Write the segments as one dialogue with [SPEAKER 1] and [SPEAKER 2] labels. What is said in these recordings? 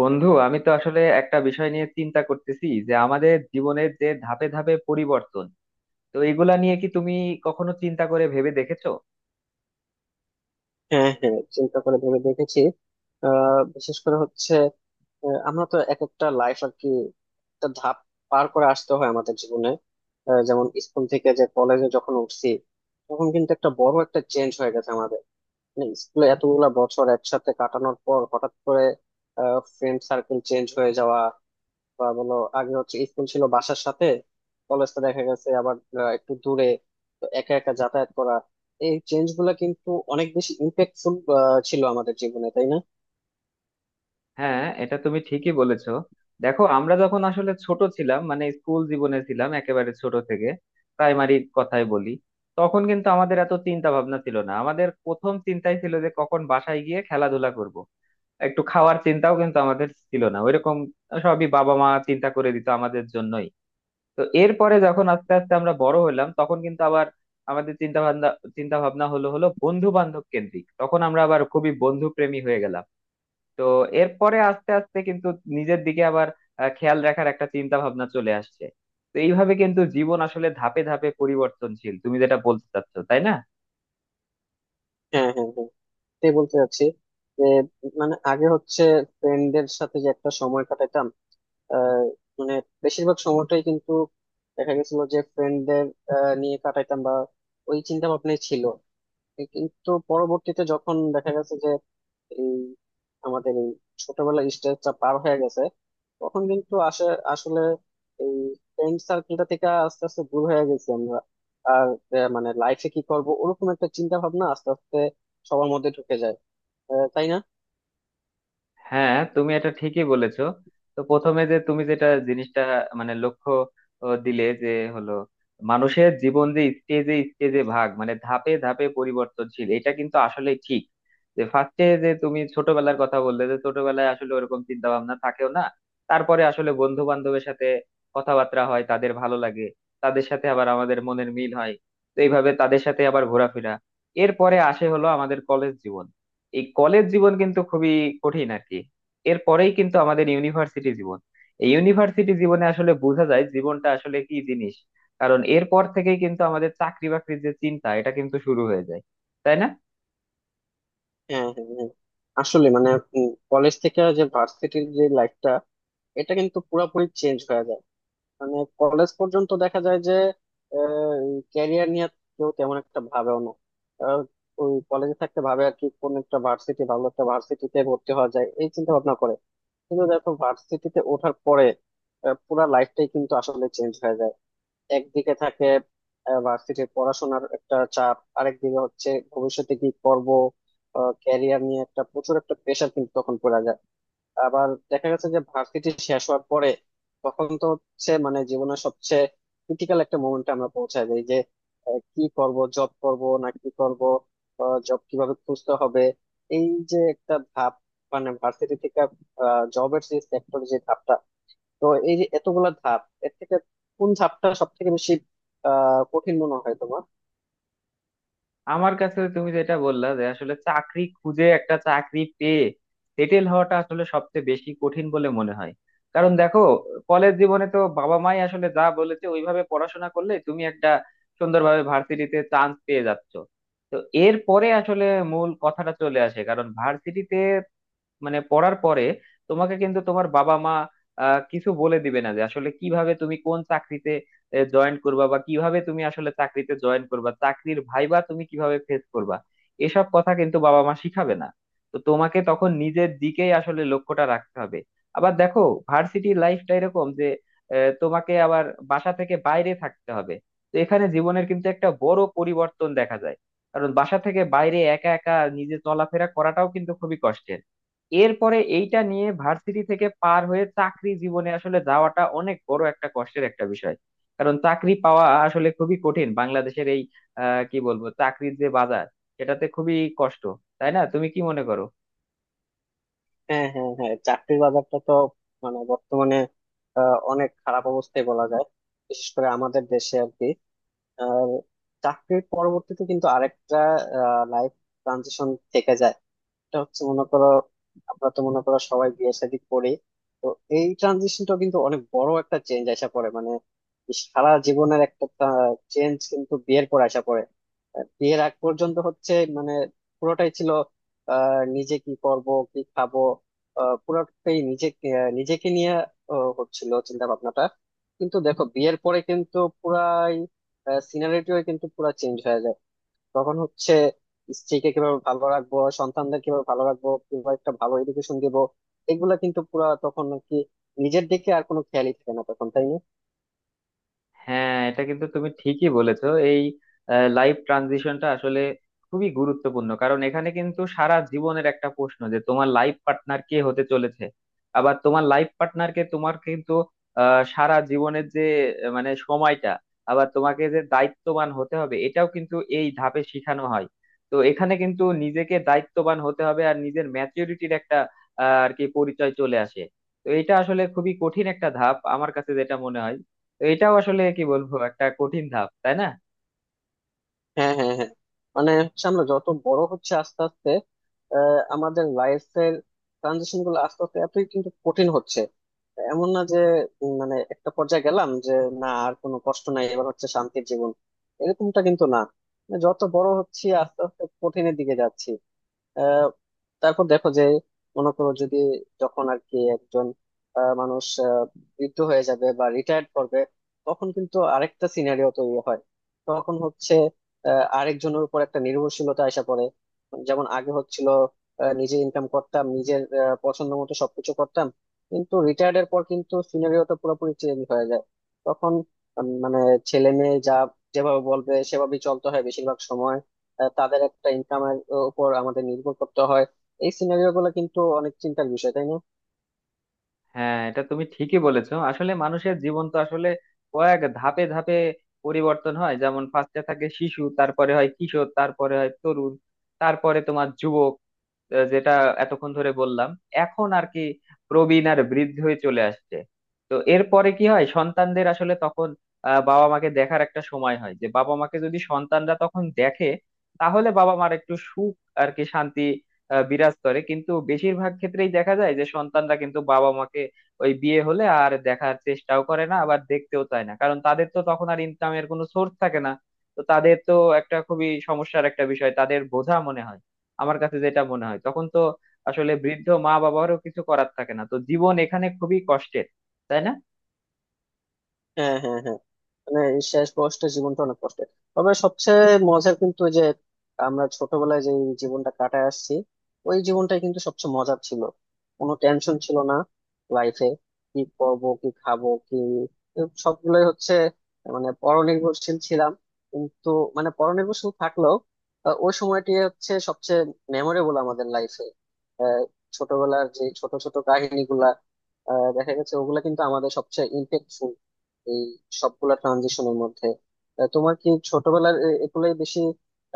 [SPEAKER 1] বন্ধু, আমি তো আসলে একটা বিষয় নিয়ে চিন্তা করতেছি যে আমাদের জীবনের যে ধাপে ধাপে পরিবর্তন, তো এগুলা নিয়ে কি তুমি কখনো চিন্তা করে ভেবে দেখেছো?
[SPEAKER 2] হ্যাঁ, হ্যাঁ, চিন্তা করে ভেবে দেখেছি। বিশেষ করে হচ্ছে আমরা তো এক একটা লাইফ আর কি, একটা ধাপ পার করে আসতে হয় আমাদের জীবনে। যেমন স্কুল থেকে যে কলেজে যখন উঠছি, তখন কিন্তু একটা বড় একটা চেঞ্জ হয়ে গেছে আমাদের। মানে স্কুলে এতগুলা বছর একসাথে কাটানোর পর হঠাৎ করে ফ্রেন্ড সার্কেল চেঞ্জ হয়ে যাওয়া, বা বলো আগে হচ্ছে স্কুল ছিল বাসার সাথে, কলেজটা দেখা গেছে আবার একটু দূরে, তো একা একা যাতায়াত করা। এই চেঞ্জ গুলা কিন্তু অনেক বেশি ইম্প্যাক্টফুল ছিল আমাদের জীবনে, তাই না?
[SPEAKER 1] হ্যাঁ, এটা তুমি ঠিকই বলেছো। দেখো, আমরা যখন আসলে ছোট ছিলাম, মানে স্কুল জীবনে ছিলাম একেবারে ছোট থেকে, প্রাইমারি কথাই বলি, তখন কিন্তু আমাদের এত চিন্তা ভাবনা ছিল না। আমাদের প্রথম চিন্তাই ছিল যে কখন বাসায় গিয়ে খেলাধুলা করব। একটু খাওয়ার চিন্তাও কিন্তু আমাদের ছিল না ওইরকম, সবই বাবা মা চিন্তা করে দিত আমাদের জন্যই। তো এরপরে যখন আস্তে আস্তে আমরা বড় হলাম, তখন কিন্তু আবার আমাদের চিন্তা ভাবনা হলো হলো বন্ধু বান্ধব কেন্দ্রিক। তখন আমরা আবার খুবই বন্ধু প্রেমী হয়ে গেলাম। তো এরপরে আস্তে আস্তে কিন্তু নিজের দিকে আবার খেয়াল রাখার একটা চিন্তা ভাবনা চলে আসছে। তো এইভাবে কিন্তু জীবন আসলে ধাপে ধাপে পরিবর্তনশীল, তুমি যেটা বলতে চাচ্ছো, তাই না?
[SPEAKER 2] হ্যাঁ, হ্যাঁ, হ্যাঁ, তাই বলতে চাচ্ছি যে মানে আগে হচ্ছে ফ্রেন্ডদের সাথে যে একটা সময় কাটাতাম, আহ, মানে বেশিরভাগ সময়টাই কিন্তু দেখা গেছিল যে ফ্রেন্ডদের নিয়ে কাটাইতাম, বা ওই চিন্তা ভাবনাই ছিল। এ কিন্তু পরবর্তীতে যখন দেখা গেছে এই আমাদের এই ছোটবেলার স্টেজটা পার হয়ে গেছে, তখন কিন্তু আসে আসলে এই ফ্রেন্ড সার্কেলটা থেকে আস্তে আস্তে দূর হয়ে গেছি আমরা। আর মানে লাইফে কি করব ওরকম একটা চিন্তা ভাবনা আস্তে আস্তে সবার মধ্যে ঢুকে যায়, তাই না?
[SPEAKER 1] হ্যাঁ, তুমি এটা ঠিকই বলেছো। তো প্রথমে যে তুমি যেটা জিনিসটা, মানে লক্ষ্য ও, দিলে যে হলো মানুষের জীবন যে স্টেজে স্টেজে ভাগ, মানে ধাপে ধাপে পরিবর্তনশীল, এটা কিন্তু আসলে ঠিক। যে ফার্স্টে যে তুমি ছোটবেলার কথা বললে, যে ছোটবেলায় আসলে ওরকম চিন্তা ভাবনা থাকেও না। তারপরে আসলে বন্ধু বান্ধবের সাথে কথাবার্তা হয়, তাদের ভালো লাগে, তাদের সাথে আবার আমাদের মনের মিল হয়। তো এইভাবে তাদের সাথে আবার ঘোরাফেরা। এরপরে আসে হলো আমাদের কলেজ জীবন। এই কলেজ জীবন কিন্তু খুবই কঠিন আর কি। এরপরেই কিন্তু আমাদের ইউনিভার্সিটি জীবন। এই ইউনিভার্সিটি জীবনে আসলে বোঝা যায় জীবনটা আসলে কি জিনিস। কারণ এরপর থেকেই কিন্তু আমাদের চাকরি বাকরির যে চিন্তা, এটা কিন্তু শুরু হয়ে যায়, তাই না?
[SPEAKER 2] হ্যাঁ, হ্যাঁ, হ্যাঁ, আসলে মানে কলেজ থেকে যে ভার্সিটির যে লাইফটা এটা কিন্তু পুরোপুরি চেঞ্জ হয়ে যায়। মানে কলেজ পর্যন্ত দেখা যায় যে ক্যারিয়ার নিয়ে কেউ তেমন একটা ভাবেও না। আহ, ওই কলেজে থাকতে ভাবে আর কি, কোন একটা ভার্সিটি ভালো একটা ভার্সিটিতে ভর্তি হওয়া যায় এই চিন্তা ভাবনা করে। কিন্তু দেখো ভার্সিটিতে ওঠার পরে পুরা লাইফটাই কিন্তু আসলে চেঞ্জ হয়ে যায়। একদিকে থাকে ভার্সিটির পড়াশোনার একটা চাপ, আরেকদিকে হচ্ছে ভবিষ্যতে কি করব, ক্যারিয়ার নিয়ে একটা প্রচুর একটা প্রেশার কিন্তু তখন পড়া যায়। আবার দেখা গেছে যে ভার্সিটি শেষ হওয়ার পরে তখন তো হচ্ছে মানে জীবনের সবচেয়ে ক্রিটিক্যাল একটা মোমেন্টে আমরা পৌঁছায় যাই যে কি করব, জব করব না কি করব, জব কিভাবে খুঁজতে হবে। এই যে একটা ধাপ, মানে ভার্সিটি থেকে জবের যে সেক্টর যে ধাপটা, তো এই যে এতগুলা ধাপ, এর থেকে কোন ধাপটা সব থেকে বেশি কঠিন মনে হয় তোমার?
[SPEAKER 1] আমার কাছে তুমি যেটা বললা, যে আসলে চাকরি খুঁজে একটা চাকরি পেয়ে সেটেল হওয়াটা আসলে সবচেয়ে বেশি কঠিন বলে মনে হয়। কারণ দেখো, কলেজ জীবনে তো বাবা মাই আসলে যা বলেছে ওইভাবে পড়াশোনা করলে তুমি একটা সুন্দরভাবে ভার্সিটিতে চান্স পেয়ে যাচ্ছ। তো এরপরে আসলে মূল কথাটা চলে আসে, কারণ ভার্সিটিতে মানে পড়ার পরে তোমাকে কিন্তু তোমার বাবা মা কিছু বলে দিবে না যে আসলে কিভাবে তুমি কোন চাকরিতে জয়েন করবা, বা কিভাবে তুমি আসলে চাকরিতে জয়েন করবা, চাকরির ভাইবা তুমি কিভাবে ফেস করবা, এসব কথা কিন্তু বাবা মা শিখাবে না। তো তোমাকে তখন নিজের দিকেই আসলে লক্ষ্যটা রাখতে হবে। আবার দেখো, ভার্সিটি লাইফটা এরকম যে তোমাকে আবার বাসা থেকে বাইরে থাকতে হবে। তো এখানে জীবনের কিন্তু একটা বড় পরিবর্তন দেখা যায়, কারণ বাসা থেকে বাইরে একা একা নিজে চলাফেরা করাটাও কিন্তু খুবই কষ্টের। এরপরে এইটা নিয়ে ভার্সিটি থেকে পার হয়ে চাকরি জীবনে আসলে যাওয়াটা অনেক বড় একটা কষ্টের একটা বিষয়। কারণ চাকরি পাওয়া আসলে খুবই কঠিন বাংলাদেশের এই কি বলবো, চাকরির যে বাজার, সেটাতে খুবই কষ্ট, তাই না? তুমি কি মনে করো?
[SPEAKER 2] হ্যাঁ, হ্যাঁ, হ্যাঁ, চাকরির বাজারটা তো মানে বর্তমানে অনেক খারাপ অবস্থায় বলা যায়, বিশেষ করে আমাদের দেশে আর কি। আর চাকরির পরবর্তীতে কিন্তু আরেকটা লাইফ ট্রানজিশন থেকে যায়। এটা হচ্ছে মনে করো আমরা তো মনে করো সবাই বিয়ে শাদী করি, তো এই ট্রানজিশনটা কিন্তু অনেক বড় একটা চেঞ্জ আসা পড়ে, মানে সারা জীবনের একটা চেঞ্জ কিন্তু বিয়ের পর আসা পড়ে। বিয়ের আগ পর্যন্ত হচ্ছে মানে পুরোটাই ছিল নিজে কি করব কি খাবো, পুরোটাই নিজে নিজেকে নিয়ে হচ্ছিল চিন্তা ভাবনাটা। কিন্তু দেখো বিয়ের পরে কিন্তু পুরাই সিনারিটিও কিন্তু পুরা চেঞ্জ হয়ে যায়। তখন হচ্ছে স্ত্রীকে কিভাবে ভালো রাখবো, সন্তানদের কিভাবে ভালো রাখবো, কিভাবে একটা ভালো এডুকেশন দিব, এগুলা কিন্তু পুরা তখন আর কি, নিজের দিকে আর কোনো খেয়ালই থাকে না তখন, তাই না?
[SPEAKER 1] হ্যাঁ, এটা কিন্তু তুমি ঠিকই বলেছো। এই লাইফ ট্রানজিশনটা আসলে খুবই গুরুত্বপূর্ণ, কারণ এখানে কিন্তু সারা জীবনের একটা প্রশ্ন যে তোমার লাইফ পার্টনার কে হতে চলেছে। আবার তোমার লাইফ পার্টনারকে তোমার কিন্তু সারা জীবনের যে মানে সময়টা, আবার তোমাকে যে দায়িত্ববান হতে হবে এটাও কিন্তু এই ধাপে শিখানো হয়। তো এখানে কিন্তু নিজেকে দায়িত্ববান হতে হবে, আর নিজের ম্যাচুরিটির একটা আর কি পরিচয় চলে আসে। তো এটা আসলে খুবই কঠিন একটা ধাপ আমার কাছে যেটা মনে হয়। তো এটাও আসলে কি বলবো একটা কঠিন ধাপ, তাই না?
[SPEAKER 2] হ্যাঁ, হ্যাঁ, হ্যাঁ, মানে হচ্ছে আমরা যত বড় হচ্ছে আস্তে আস্তে আমাদের লাইফের ট্রানজিশন গুলো আস্তে আস্তে এতই কিন্তু কঠিন হচ্ছে। এমন না যে মানে একটা পর্যায়ে গেলাম যে না আর কোনো কষ্ট নাই, এবার হচ্ছে শান্তির জীবন, এরকমটা কিন্তু না। যত বড় হচ্ছি আস্তে আস্তে কঠিনের দিকে যাচ্ছি। আহ, তারপর দেখো যে মনে করো যদি যখন আর কি একজন মানুষ বৃদ্ধ হয়ে যাবে বা রিটায়ার্ড করবে, তখন কিন্তু আরেকটা সিনারিও তৈরি হয়। তখন হচ্ছে আরেকজনের উপর একটা নির্ভরশীলতা আসা পড়ে। যেমন আগে হচ্ছিল নিজে ইনকাম করতাম, নিজের পছন্দ মতো সবকিছু করতাম, কিন্তু রিটায়ার্ড এর পর কিন্তু সিনারিওটা পুরোপুরি চেঞ্জ হয়ে যায়। তখন মানে ছেলে মেয়ে যা যেভাবে বলবে সেভাবেই চলতে হয় বেশিরভাগ সময়, তাদের একটা ইনকামের উপর আমাদের নির্ভর করতে হয়। এই সিনারিও গুলো কিন্তু অনেক চিন্তার বিষয়, তাই না?
[SPEAKER 1] হ্যাঁ, এটা তুমি ঠিকই বলেছো। আসলে মানুষের জীবন তো আসলে কয়েক ধাপে ধাপে পরিবর্তন হয়। যেমন ফার্স্টে থাকে শিশু, তারপরে হয় কিশোর, তারপরে হয় তরুণ, তারপরে তোমার যুবক, যেটা এতক্ষণ ধরে বললাম, এখন আর কি প্রবীণ আর বৃদ্ধ হয়ে চলে আসছে। তো এরপরে কি হয়, সন্তানদের আসলে তখন বাবা মাকে দেখার একটা সময় হয়, যে বাবা মাকে যদি সন্তানরা তখন দেখে, তাহলে বাবা মার একটু সুখ আর কি শান্তি বিরাজ করে। কিন্তু বেশিরভাগ ক্ষেত্রেই দেখা যায় যে সন্তানরা কিন্তু বাবা মাকে ওই বিয়ে হলে আর দেখার চেষ্টাও করে না, আবার দেখতেও চায় না, কারণ তাদের তো তখন আর ইনকামের কোনো সোর্স থাকে না। তো তাদের তো একটা খুবই সমস্যার একটা বিষয়, তাদের বোঝা মনে হয়, আমার কাছে যেটা মনে হয়। তখন তো আসলে বৃদ্ধ মা বাবারও কিছু করার থাকে না, তো জীবন এখানে খুবই কষ্টের, তাই না?
[SPEAKER 2] হ্যাঁ, হ্যাঁ, হ্যাঁ, মানে এই শেষ বয়সটা জীবনটা অনেক কষ্টের। তবে সবচেয়ে মজার কিন্তু ওই যে আমরা ছোটবেলায় যে জীবনটা কাটায় আসছি, ওই জীবনটাই কিন্তু সবচেয়ে মজার ছিল। কোনো টেনশন ছিল না লাইফে, কি করব কি খাবো কি, সবগুলোই হচ্ছে মানে পরনির্ভরশীল ছিলাম। কিন্তু মানে পরনির্ভরশীল থাকলেও ওই সময়টি হচ্ছে সবচেয়ে মেমোরেবল আমাদের লাইফে। ছোটবেলার যে ছোট ছোট কাহিনীগুলা দেখা গেছে ওগুলা কিন্তু আমাদের সবচেয়ে ইম্প্যাক্টফুল এই সবগুলা ট্রানজিশনের মধ্যে। তোমার কি ছোটবেলার এগুলাই বেশি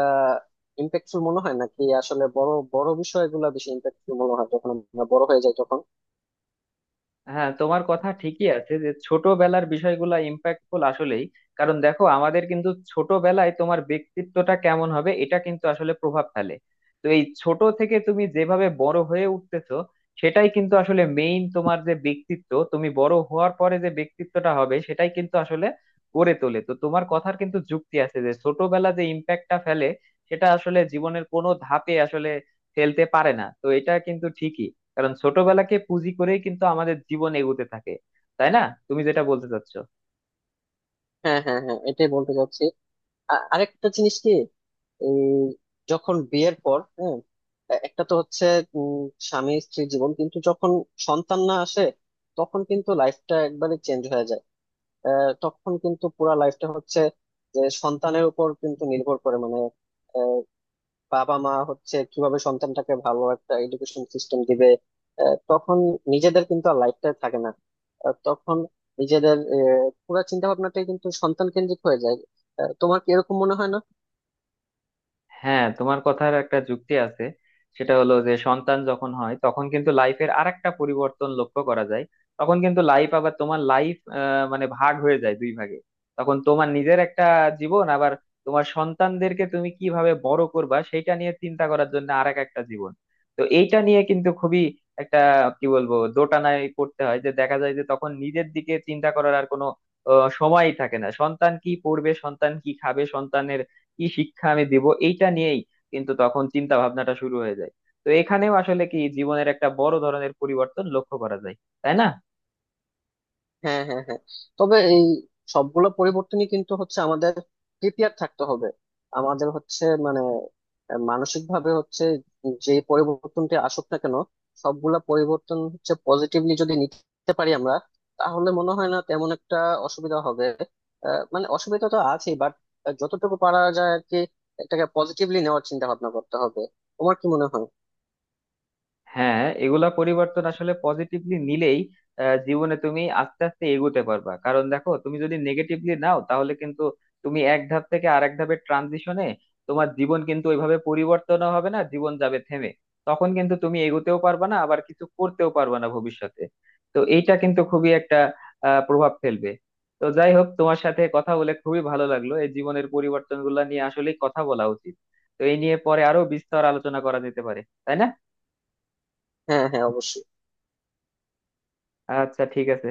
[SPEAKER 2] আহ ইম্প্যাক্টফুল মনে হয়, নাকি আসলে বড় বড় বিষয়গুলো বেশি ইম্প্যাক্টফুল মনে হয় যখন আমরা বড় হয়ে যাই তখন?
[SPEAKER 1] হ্যাঁ, তোমার কথা ঠিকই আছে যে ছোটবেলার বিষয়গুলো ইম্প্যাক্টফুল আসলেই। কারণ দেখো, আমাদের কিন্তু ছোটবেলায় তোমার ব্যক্তিত্বটা কেমন হবে, এটা কিন্তু আসলে প্রভাব ফেলে। তো এই ছোট থেকে তুমি যেভাবে বড় হয়ে উঠতেছো, সেটাই কিন্তু আসলে মেইন। তোমার যে ব্যক্তিত্ব তুমি বড় হওয়ার পরে যে ব্যক্তিত্বটা হবে, সেটাই কিন্তু আসলে গড়ে তোলে। তো তোমার কথার কিন্তু যুক্তি আছে যে ছোটবেলা যে ইম্প্যাক্টটা ফেলে, সেটা আসলে জীবনের কোনো ধাপে আসলে ফেলতে পারে না। তো এটা কিন্তু ঠিকই, কারণ ছোটবেলাকে পুঁজি করেই কিন্তু আমাদের জীবন এগোতে থাকে, তাই না? তুমি যেটা বলতে চাচ্ছ।
[SPEAKER 2] হ্যাঁ, হ্যাঁ, হ্যাঁ, এটাই বলতে চাচ্ছি। আরেকটা জিনিস কি, এই যখন বিয়ের পর, হ্যাঁ, একটা তো হচ্ছে উম, স্বামী স্ত্রী জীবন কিন্তু যখন সন্তান না আসে তখন কিন্তু লাইফটা একবারে চেঞ্জ হয়ে যায়। তখন কিন্তু পুরা লাইফটা হচ্ছে যে সন্তানের উপর কিন্তু নির্ভর করে, মানে বাবা মা হচ্ছে কিভাবে সন্তানটাকে ভালো একটা এডুকেশন সিস্টেম দিবে। তখন নিজেদের কিন্তু আর লাইফটা থাকে না। তখন নিজেদের পুরো চিন্তা ভাবনাটাই কিন্তু সন্তান কেন্দ্রিক হয়ে যায়। তোমার কি এরকম মনে হয় না?
[SPEAKER 1] হ্যাঁ, তোমার কথার একটা যুক্তি আছে, সেটা হলো যে সন্তান যখন হয় তখন কিন্তু লাইফের আরেকটা পরিবর্তন লক্ষ্য করা যায়। তখন কিন্তু লাইফ আবার, তোমার লাইফ মানে ভাগ হয়ে যায় দুই ভাগে। তখন তোমার নিজের একটা জীবন, আবার তোমার সন্তানদেরকে তুমি কিভাবে বড় করবা সেইটা নিয়ে চিন্তা করার জন্য আরেক একটা জীবন। তো এইটা নিয়ে কিন্তু খুবই একটা কি বলবো দোটানায় পড়তে হয়, যে দেখা যায় যে তখন নিজের দিকে চিন্তা করার আর কোনো সময়ই থাকে না। সন্তান কি পড়বে, সন্তান কি খাবে, সন্তানের কি শিক্ষা আমি দিব, এইটা নিয়েই কিন্তু তখন চিন্তা ভাবনাটা শুরু হয়ে যায়। তো এখানেও আসলে কি, জীবনের একটা বড় ধরনের পরিবর্তন লক্ষ্য করা যায়, তাই না?
[SPEAKER 2] হ্যাঁ, হ্যাঁ, হ্যাঁ, তবে এই সবগুলো পরিবর্তনই কিন্তু হচ্ছে আমাদের প্রিপেয়ার থাকতে হবে, আমাদের হচ্ছে মানে মানসিক ভাবে হচ্ছে। যে পরিবর্তনটি আসুক না কেন, সবগুলা পরিবর্তন হচ্ছে পজিটিভলি যদি নিতে পারি আমরা, তাহলে মনে হয় না তেমন একটা অসুবিধা হবে। মানে অসুবিধা তো আছেই, বাট যতটুকু পারা যায় আর কি, এটাকে পজিটিভলি নেওয়ার চিন্তা ভাবনা করতে হবে। তোমার কি মনে হয়?
[SPEAKER 1] হ্যাঁ, এগুলা পরিবর্তন আসলে পজিটিভলি নিলেই জীবনে তুমি আস্তে আস্তে এগোতে পারবা। কারণ দেখো, তুমি যদি নেগেটিভলি নাও তাহলে কিন্তু তুমি এক ধাপ থেকে আরেক ধাপের ট্রানজিশনে তোমার জীবন কিন্তু ওইভাবে পরিবর্তনও হবে না, জীবন যাবে থেমে। তখন কিন্তু তুমি এগোতেও পারবা না, আবার কিছু করতেও পারবা না ভবিষ্যতে। তো এইটা কিন্তু খুবই একটা প্রভাব ফেলবে। তো যাই হোক, তোমার সাথে কথা বলে খুবই ভালো লাগলো, এই জীবনের পরিবর্তনগুলো নিয়ে আসলেই কথা বলা উচিত। তো এই নিয়ে পরে আরো বিস্তর আলোচনা করা যেতে পারে, তাই না?
[SPEAKER 2] হ্যাঁ, হ্যাঁ, অবশ্যই।
[SPEAKER 1] আচ্ছা, ঠিক আছে।